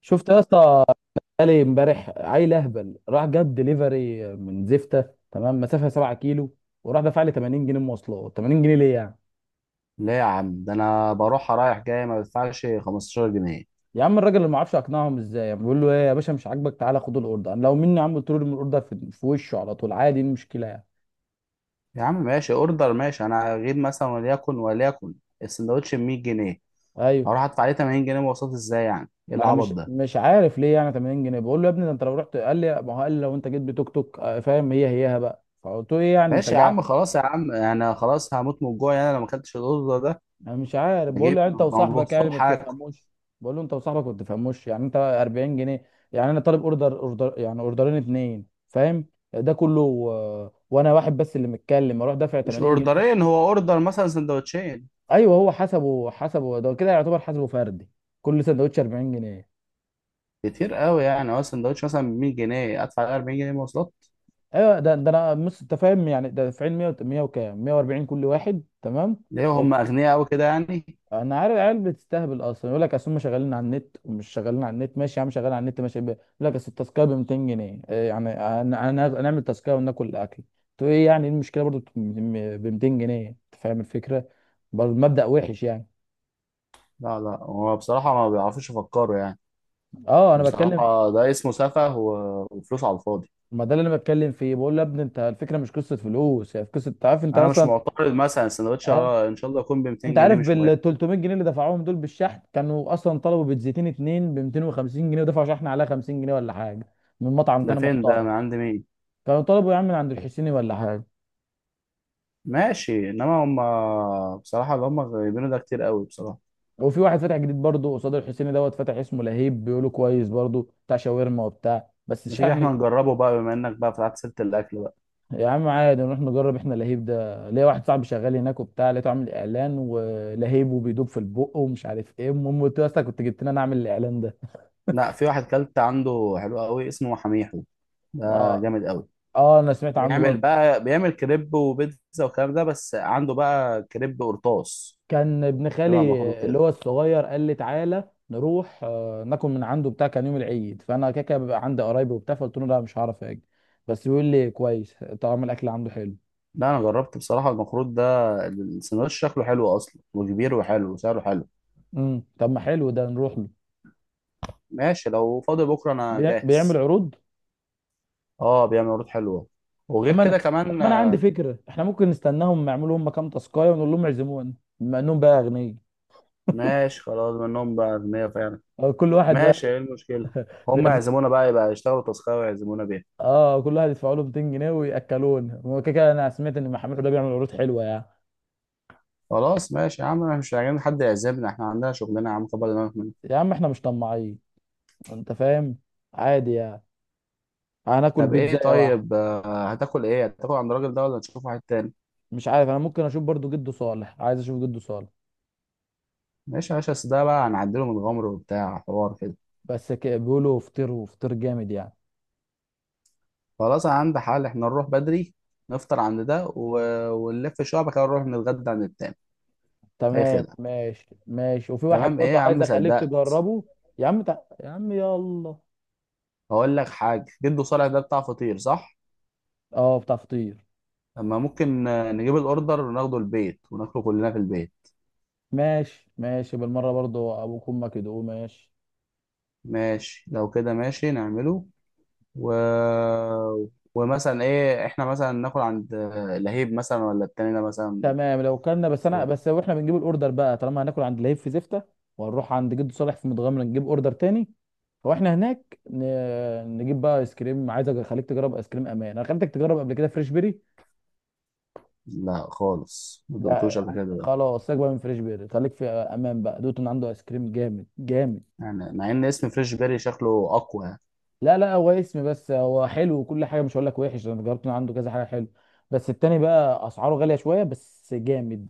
شفت يا اسطى؟ قالي امبارح عيل اهبل راح جاب دليفري من زفته، تمام مسافه 7 كيلو، وراح دفع لي 80 جنيه مواصلات. 80 جنيه ليه يعني؟ لا يا عم، ده انا بروح رايح جاي ما بدفعش 15 جنيه. يا عم الراجل اللي ما اعرفش اقنعهم ازاي، يعني بيقول له ايه يا باشا، مش عاجبك تعالى خد الاوردر. انا لو مني يا عم قلت له ارمي الاوردر في وشه على طول، عادي، ايه المشكله يعني؟ يا عم ماشي اوردر، ماشي. انا اجيب مثلا، وليكن السندوتش ب 100 جنيه، ايوه، هروح ادفع عليه 80 جنيه مواصلات؟ ازاي يعني؟ ايه ما انا العبط مش ده؟ مش عارف ليه يعني 80 جنيه. بقول له يا ابني ده انت لو رحت، قال لي، ما هو قال لي لو انت جيت بتوك توك فاهم، هي هيها بقى. فقلت له ايه يعني انت. ماشي يا عم، خلاص يا عم، انا خلاص هموت من الجوع يعني. انا لو ما اكلتش الاوردر ده انا مش عارف، بقول له بجيب، يعني انت ما هو وصاحبك يعني ما الصبح هاكل. بتفهموش. بقول له انت وصاحبك ما بتفهموش، يعني انت 40 جنيه، يعني انا طالب اوردر اوردر يعني اوردرين اتنين فاهم. ده كله وانا واحد بس اللي متكلم اروح دافع مش 80 جنيه. اوردرين، هو اوردر مثلا، سندوتشين. ايوه هو حسبه ده كده يعتبر حسبه فردي، كل سندوتش 40 جنيه. كتير قوي يعني، هو سندوتش مثلا ب 100 جنيه ادفع عليه 40 جنيه مواصلات؟ ايوه ده انا مش انت فاهم يعني، ده دافعين 100 100 وكام 140 كل واحد، تمام. ليه؟ هم اغنياء قوي كده يعني؟ انا عارف العيال بتستهبل اصلا. يقول لك اصل هم شغالين على النت ومش شغالين على النت. ماشي يا عم، شغال على النت ماشي. يقول لك اصل التاسكيه ب 200 جنيه. إيه يعني؟ انا نعمل تاسكيه وناكل الاكل. تو ايه يعني، إيه المشكله برضو ب 200 جنيه؟ انت فاهم الفكره، برضو المبدأ وحش يعني. لا لا، هو بصراحة ما بيعرفوش يفكروا يعني. اه انا بتكلم. بصراحة ده اسمه سفه و- وفلوس على الفاضي. ما ده اللي انا بتكلم فيه، بقول له يا ابني انت الفكره مش قصه فلوس، هي في قصه، انت عارف انت أنا مش اصلا. معترض، مثلا السندوتش اه. إن شاء الله يكون ب انت 200 جنيه، عارف مش مهم. بال 300 جنيه اللي دفعوهم دول بالشحن؟ كانوا اصلا طلبوا بيتزيتين اتنين ب 250 جنيه، ودفعوا شحن عليها 50 جنيه ولا حاجه، من مطعم ده تاني فين ده؟ محترم. من عند مين؟ كانوا طلبوا يا عم من عند الحسيني ولا حاجه. ماشي. إنما هما بصراحة اللي هما جايبينه ده كتير قوي بصراحة. وفي واحد فتح جديد برضه قصاد الحسيني دوت، فتح اسمه لهيب، بيقولوا كويس برضه، بتاع شاورما وبتاع، بس ما تيجي شحن. إحنا نجربه بقى، بما إنك بقى فتحت سيرة الأكل بقى؟ يا عم عادي نروح نجرب احنا لهيب ده، ليا واحد صاحبي شغال هناك وبتاع، لقيته عامل اعلان ولهيب وبيدوب في البق ومش عارف ايه. المهم قلت له يا اسطى كنت جبت لنا، اعمل الاعلان ده. لا، في واحد كلت عنده حلو قوي اسمه حميحو. ده اه. جامد قوي. اه انا سمعت عنه بيعمل برضه. بقى بيعمل كريب وبيتزا والكلام ده، بس عنده بقى كريب قرطاس، كان ابن خالي بما مخروط اللي كده. هو الصغير قال لي تعالى نروح ناكل من عنده بتاع، كان يوم العيد، فانا كده كده بيبقى عندي قرايبي وبتاع، فقلت له لا مش هعرف اجي. بس بيقول لي كويس، طعم الاكل عنده حلو. لا انا جربت بصراحه المخروط ده. السندوتش شكله حلو اصلا، وكبير وحلو وسعره حلو. طب ما حلو ده، نروح له. ماشي، لو فاضي بكره انا بيعمل جاهز. عروض. اه بيعمل عروض حلوه. وغير كده طب كمان ما انا عندي فكره، احنا ممكن نستناهم يعملوا هم كام تاسكايه ونقول لهم اعزمونا، بما انهم بقى اغنياء. ماشي خلاص، منهم بقى اغنياء فعلا. كل واحد بقى. ماشي، ايه المشكله؟ هم بيعزم- يعزمونا بقى، يبقى يشتغلوا تاسكايه ويعزمونا بيها. اه، كل واحد يدفع له 200 جنيه وياكلونا، هو كده كده انا سمعت ان محمد ده بيعمل عروض حلوه يعني. خلاص ماشي يا عم، احنا مش عايزين حد يعزمنا. احنا عندنا شغلنا يا عم، كبر دماغك منه. يا عم احنا مش طماعين، انت فاهم، عادي يعني، هناكل طب ايه؟ بيتزا واحد. طيب هتاكل ايه؟ هتاكل عند الراجل ده ولا نشوف واحد تاني؟ مش عارف، انا ممكن اشوف برضو جدو صالح، عايز اشوف جدو صالح. ماشي يا باشا، أصل ده بقى هنعدله من غمر وبتاع، حوار كده. بس بيقولوا فطير، وفطير جامد يعني. خلاص، انا عندي حل. احنا نروح بدري نفطر عند ده ونلف شويه، بعد كده نروح نتغدى عند التاني. اي تمام، خدعه؟ ماشي ماشي، وفي واحد تمام. ايه برضو يا عايز عم، اخليك صدقت. تجربه. يا عم يلا. هقول لك حاجه. جدو صالح ده بتاع فطير صح؟ اه بتاع فطير. اما ممكن نجيب الاوردر وناخده البيت وناكله كلنا في البيت. ماشي ماشي بالمره، برضو ابوك وامك يدوقوه، ماشي. ماشي، لو كده ماشي نعمله و... ومثلا ايه، احنا مثلا ناكل عند لهيب مثلا ولا التاني ده مثلا؟ تمام، لو كنا بس انا صوت. بس، واحنا بنجيب الاوردر بقى طالما هناكل عند لهيب في زفته، وهنروح عند جد صالح في متغمره نجيب اوردر تاني. واحنا هناك نجيب بقى ايس كريم، عايزك اخليك تجرب ايس كريم امان، انا خليتك تجرب قبل كده فريش بيري. لا خالص، ما دقتوش لا، قبل كده ده. خلاص سيبك بقى من فريش بيري، خليك في امان بقى دوت ان عنده ايس كريم جامد جامد. يعني مع ان اسم فريش بيري شكله اقوى يعني. لا لا هو اسم بس، هو حلو وكل حاجه، مش هقول لك وحش، انا جربت من عنده كذا حاجه حلو، بس التاني بقى اسعاره غاليه شويه، بس جامد.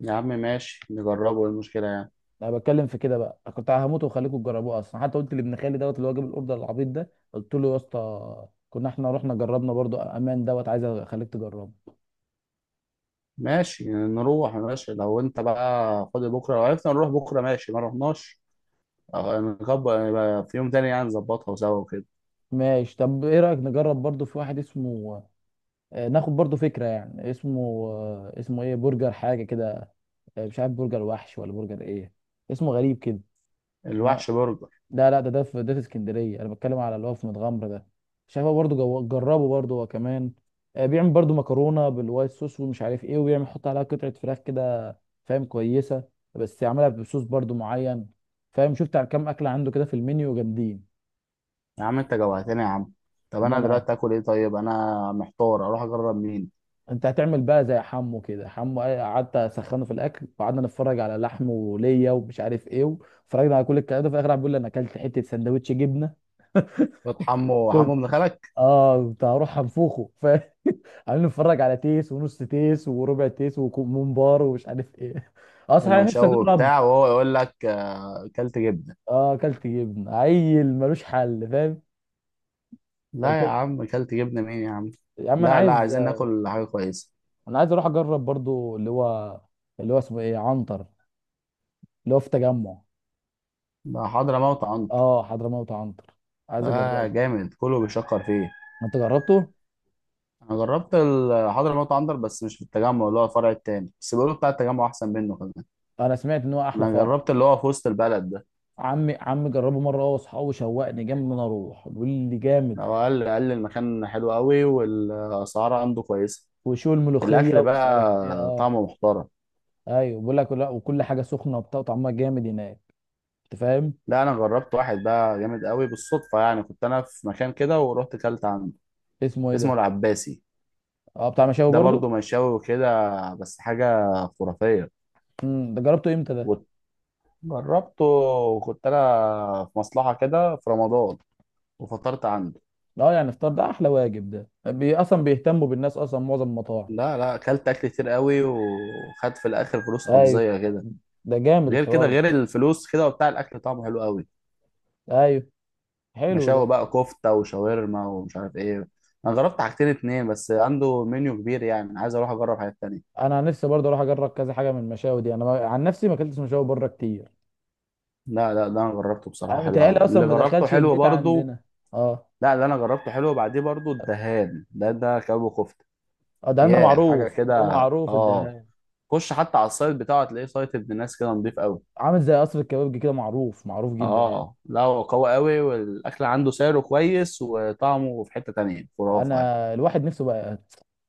يا عم ماشي، نجربه. ايه المشكلة يعني؟ انا بتكلم في كده بقى، أنا كنت هموت واخليكم تجربوه اصلا، حتى قلت لابن خالي دوت اللي هو جاب الاوردر العبيط ده، قلت له يا اسطى، كنا احنا رحنا جربنا برضو امان دوت، عايز اخليك تجربه. ماشي، نروح ماشي. لو انت بقى فاضي بكرة لو عرفنا نروح بكرة ماشي، ما رحناش اه، نكبر يبقى في يوم تاني يعني، نظبطها سوا وكده. ماشي. طب ايه رايك نجرب برضو في واحد اسمه، ناخد برضو فكره يعني، اسمه اسمه ايه، برجر حاجه كده. مش عارف برجر وحش ولا برجر ايه، اسمه غريب كده. الوحش برجر. لا لا، ده في اسكندريه، انا بتكلم على اللي هو في متغمر ده. شايفه برضو جربه برضو هو كمان. بيعمل برضو مكرونه بالوايت صوص ومش عارف ايه، وبيعمل يحط عليها قطعه فراخ كده، فاهم، كويسه، بس يعملها بصوص برضو معين، فاهم، شفت على كام اكله عنده كده في المنيو، جامدين. يا عم انت جوعتني يا عم. طب اما انا انا، دلوقتي اكل ايه؟ طيب انا محتار، اروح اجرب مين؟ انت هتعمل بقى زي حمو كده. حمو قعدت اسخنه في الاكل، وقعدنا نتفرج على لحمه وليا ومش عارف ايه، وفرجنا على كل الكلام ده، في الاخر قاعد بيقول لي انا اكلت حته سندوتش جبنه. فات حمو كنت، ابن خالك؟ اه كنت هروح انفخه. عمالين نتفرج على تيس ونص تيس وربع تيس وممبار ومش عارف ايه. اه صحيح، أنا نفسي ومشاوي اجرب. وبتاع، وهو يقول لك اه، كلت جبنة. اه اكلت جبن، عيل ملوش حل فاهم. لا يا أكلت- عم، كلت جبنة مين يا عم؟ يا عم لا لا، عايزين ناكل حاجة كويسة. انا عايز اروح اجرب برضو اللي هو، اللي هو اسمه ايه، عنتر، اللي هو في تجمع. ده حضرموت عنط؟ اه حضرموت عنتر، عايز اه اجربه. جامد، كله بيشكر فيه. انت جربته؟ انا جربت حضرموت عنتر، بس مش في التجمع، اللي هو الفرع التاني، بس بيقولوا بتاع التجمع احسن منه كمان. انا سمعت ان هو احلى انا فرع. جربت اللي هو في وسط البلد ده. عمي عمي جربه مره هو واصحابه، شوقني جامد ان انا اروح، بيقول لي جامد. هو قال لي المكان حلو قوي، والاسعار عنده كويسه. وشو الملوخيه الاكل ومش عارف ايه، بقى اه. طعمه محترم. ايوه بيقول لك لا، وكل حاجه سخنه وبتاع وطعمها جامد هناك، انت فاهم. لا، انا جربت واحد بقى جامد قوي بالصدفه يعني. كنت انا في مكان كده ورحت كلت عنده. اسمه ايه اسمه ده؟ العباسي. اه بتاع مشاوي ده برضو. برضه مشاوي وكده، بس حاجه خرافيه. ده جربته امتى ده؟ وجربته، وكنت انا في مصلحه كده في رمضان وفطرت عنده. اه يعني الفطار ده احلى واجب، ده بي اصلا بيهتموا بالناس اصلا معظم المطاعم. لا لا، اكلت اكل كتير قوي وخدت في الاخر فلوس ايوه، رمزيه كده. ده جامد غير كده، الحوار ده. غير الفلوس كده وبتاع، الاكل طعمه حلو قوي. ايوه، حلو ده. مشاوي بقى، كفته وشاورما ومش عارف ايه. انا جربت حاجتين اتنين بس، عنده منيو كبير يعني، انا عايز اروح اجرب حاجات تانية. انا عن نفسي برضه اروح اجرب كذا حاجه من المشاوي دي. انا عن نفسي ما اكلتش مشاوي بره كتير، لا لا ده انا جربته بصراحه انا حلو متهيألي قوي، اصلا اللي ما جربته دخلش حلو البيت برضه. عندنا. اه. لا، اللي انا جربته حلو. بعديه برضه الدهان، ده كباب وكفته. اه ده عندنا ياه حاجه معروف، كده. ده معروف اه. الدهان، خش حتى على السايت بتاعه، تلاقيه سايت ابن ناس كده، نضيف قوي. عامل زي قصر الكبابجي كده، معروف معروف جدا يعني. اه، لا هو قوي قوي، والاكل عنده سعره كويس، وطعمه في حته تانية خرافه يعني. انا الواحد نفسه بقى،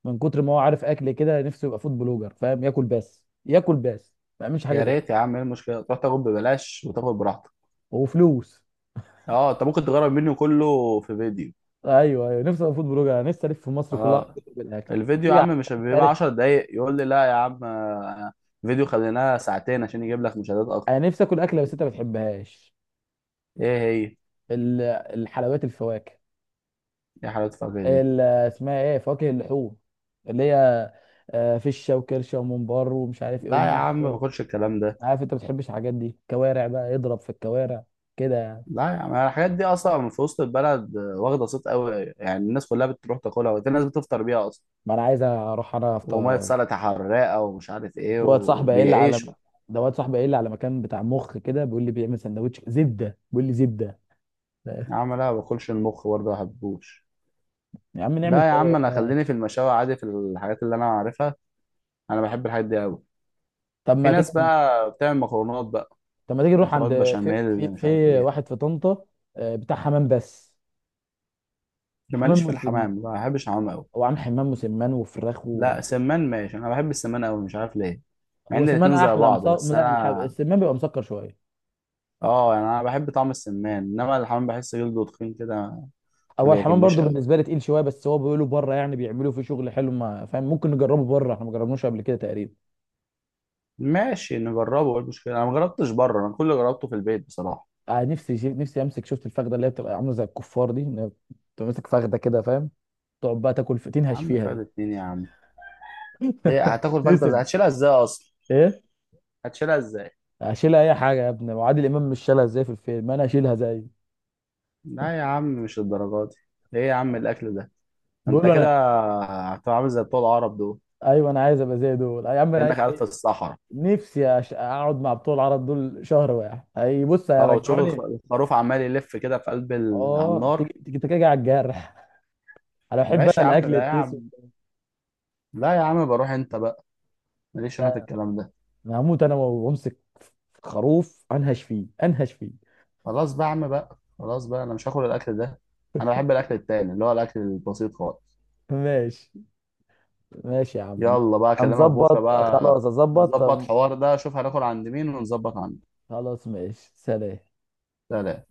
من كتر ما هو عارف اكل كده، نفسه يبقى فود بلوجر، فاهم، ياكل بس ياكل بس ما يعملش حاجه يا تاني. ريت يا عم، ايه المشكله؟ تروح تاكل ببلاش وتاكل براحتك. وفلوس. اه، انت ممكن تجرب منه كله في فيديو. ايوه ايوه، نفسي ابقى فود بلوجر، انا نفسي الف في مصر كلها اه، بالاكل. الفيديو يا في ع- عم مش مش بيبقى عارف. 10 دقايق. يقول لي لا يا عم فيديو خليناه ساعتين عشان يجيب لك مشاهدات اكتر. انا نفسي اكل اكله بس انت ما بتحبهاش، ايه هي؟ ال- الحلويات، الفواكه، ايه؟ حلاوه الفجر دي؟ اسمها ايه، فواكه اللحوم، اللي هي فشه وكرشه وممبار ومش عارف ايه لا يا ومخ. عم، ما باخدش الكلام ده. عارف انت ما بتحبش الحاجات دي، كوارع بقى، اضرب في الكوارع كده يعني. لا يا عم، الحاجات دي اصلا في وسط البلد واخده صيت قوي يعني. الناس كلها بتروح تاكلها، وفي ناس بتفطر بيها اصلا ما انا عايز اروح انا وميه افطر. سلطه حراقه ومش عارف ايه، في واد صاحبي قايل لي على، وبيعيشوا. ده واد صاحبي قايل لي على مكان بتاع مخ كده، بيقول لي بيعمل سندوتش زبده، بيقول لي زبده. يا عم لا، ما باكلش المخ برضه، ما بحبوش. يا عم نعمل لا يا عم، انا آه، خليني في المشاوي عادي، في الحاجات اللي انا عارفها. انا بحب الحاجات دي قوي. طب في ما ناس تيجي، بقى بتعمل مكرونات بقى، نروح عند، مكرونات في بشاميل في اللي مش عارف في ايه. واحد في طنطا، بتاع حمام بس. اللي حمام ماليش في مسم الحمام، ما بحبش الحمام قوي. هو عامل حمام مسمان وفراخ لا، سمان ماشي، انا بحب السمان قوي، مش عارف ليه. مع هو ان سمان الاتنين زي احلى بعض، بس لا، انا السمان بيبقى مسكر شويه. اه، يعني انا بحب طعم السمان، انما الحمام بحس جلده تخين كده، ما هو الحمام بيعجبنيش برضو قوي. بالنسبه لي تقيل شويه، بس هو بيقولوا بره يعني بيعملوا فيه شغل حلو، ما فاهم، ممكن نجربه بره، احنا ما جربناش قبل كده تقريبا. ماشي نجربه، ايه المشكله؟ انا ما جربتش بره، انا كل اللي جربته في البيت بصراحه. آه نفسي نفسي امسك، شفت الفخده اللي هي بتبقى عامله زي الكفار دي، إن هي بتبقى ماسك فخده كده فاهم، تقعد بقى تاكل يا تنهش عم فيها فايدة دي. اتنين يا عم. ليه هتاكل فايدة؟ نفسي ازاي في- هتشيلها؟ ازاي اصلا ايه. هتشيلها ازاي؟ اشيلها اي حاجه يا ابني، وعادل امام مش شالها ازاي في الفيلم، انا اشيلها زي. لا يا عم، مش الدرجات دي. ايه يا عم الاكل ده؟ بقول انت له كده انا. هتبقى عامل زي بتوع العرب دول، ايوه انا عايز ابقى زي دول يا عم، كانك قاعد في الصحراء. نفسي اقعد مع بتوع العرب دول شهر واحد، اي بص اه، وتشوف هيرجعوني. الخروف عمال يلف كده في قلب على اه النار. تيجي تيجي تيجي على الجرح. انا بحب، انا ماشي يا عم، الاكل ده يا التيسو. عم؟ لا يا عم، بروح انت بقى، ماليش انا في لا، الكلام ده. انا هموت انا وامسك خروف انهش فيه انهش فيه. خلاص بقى يا عم بقى، خلاص بقى، انا مش هاكل الاكل ده. انا بحب الاكل التاني، اللي هو الاكل البسيط خالص. ماشي. ماشي يا عم. يلا بقى، اكلمك بكره هنظبط، بقى، خلاص اظبط. نظبط طب حوار ده، شوف هناكل عند مين ونظبط عنده. خلاص ماشي، سلام. سلام.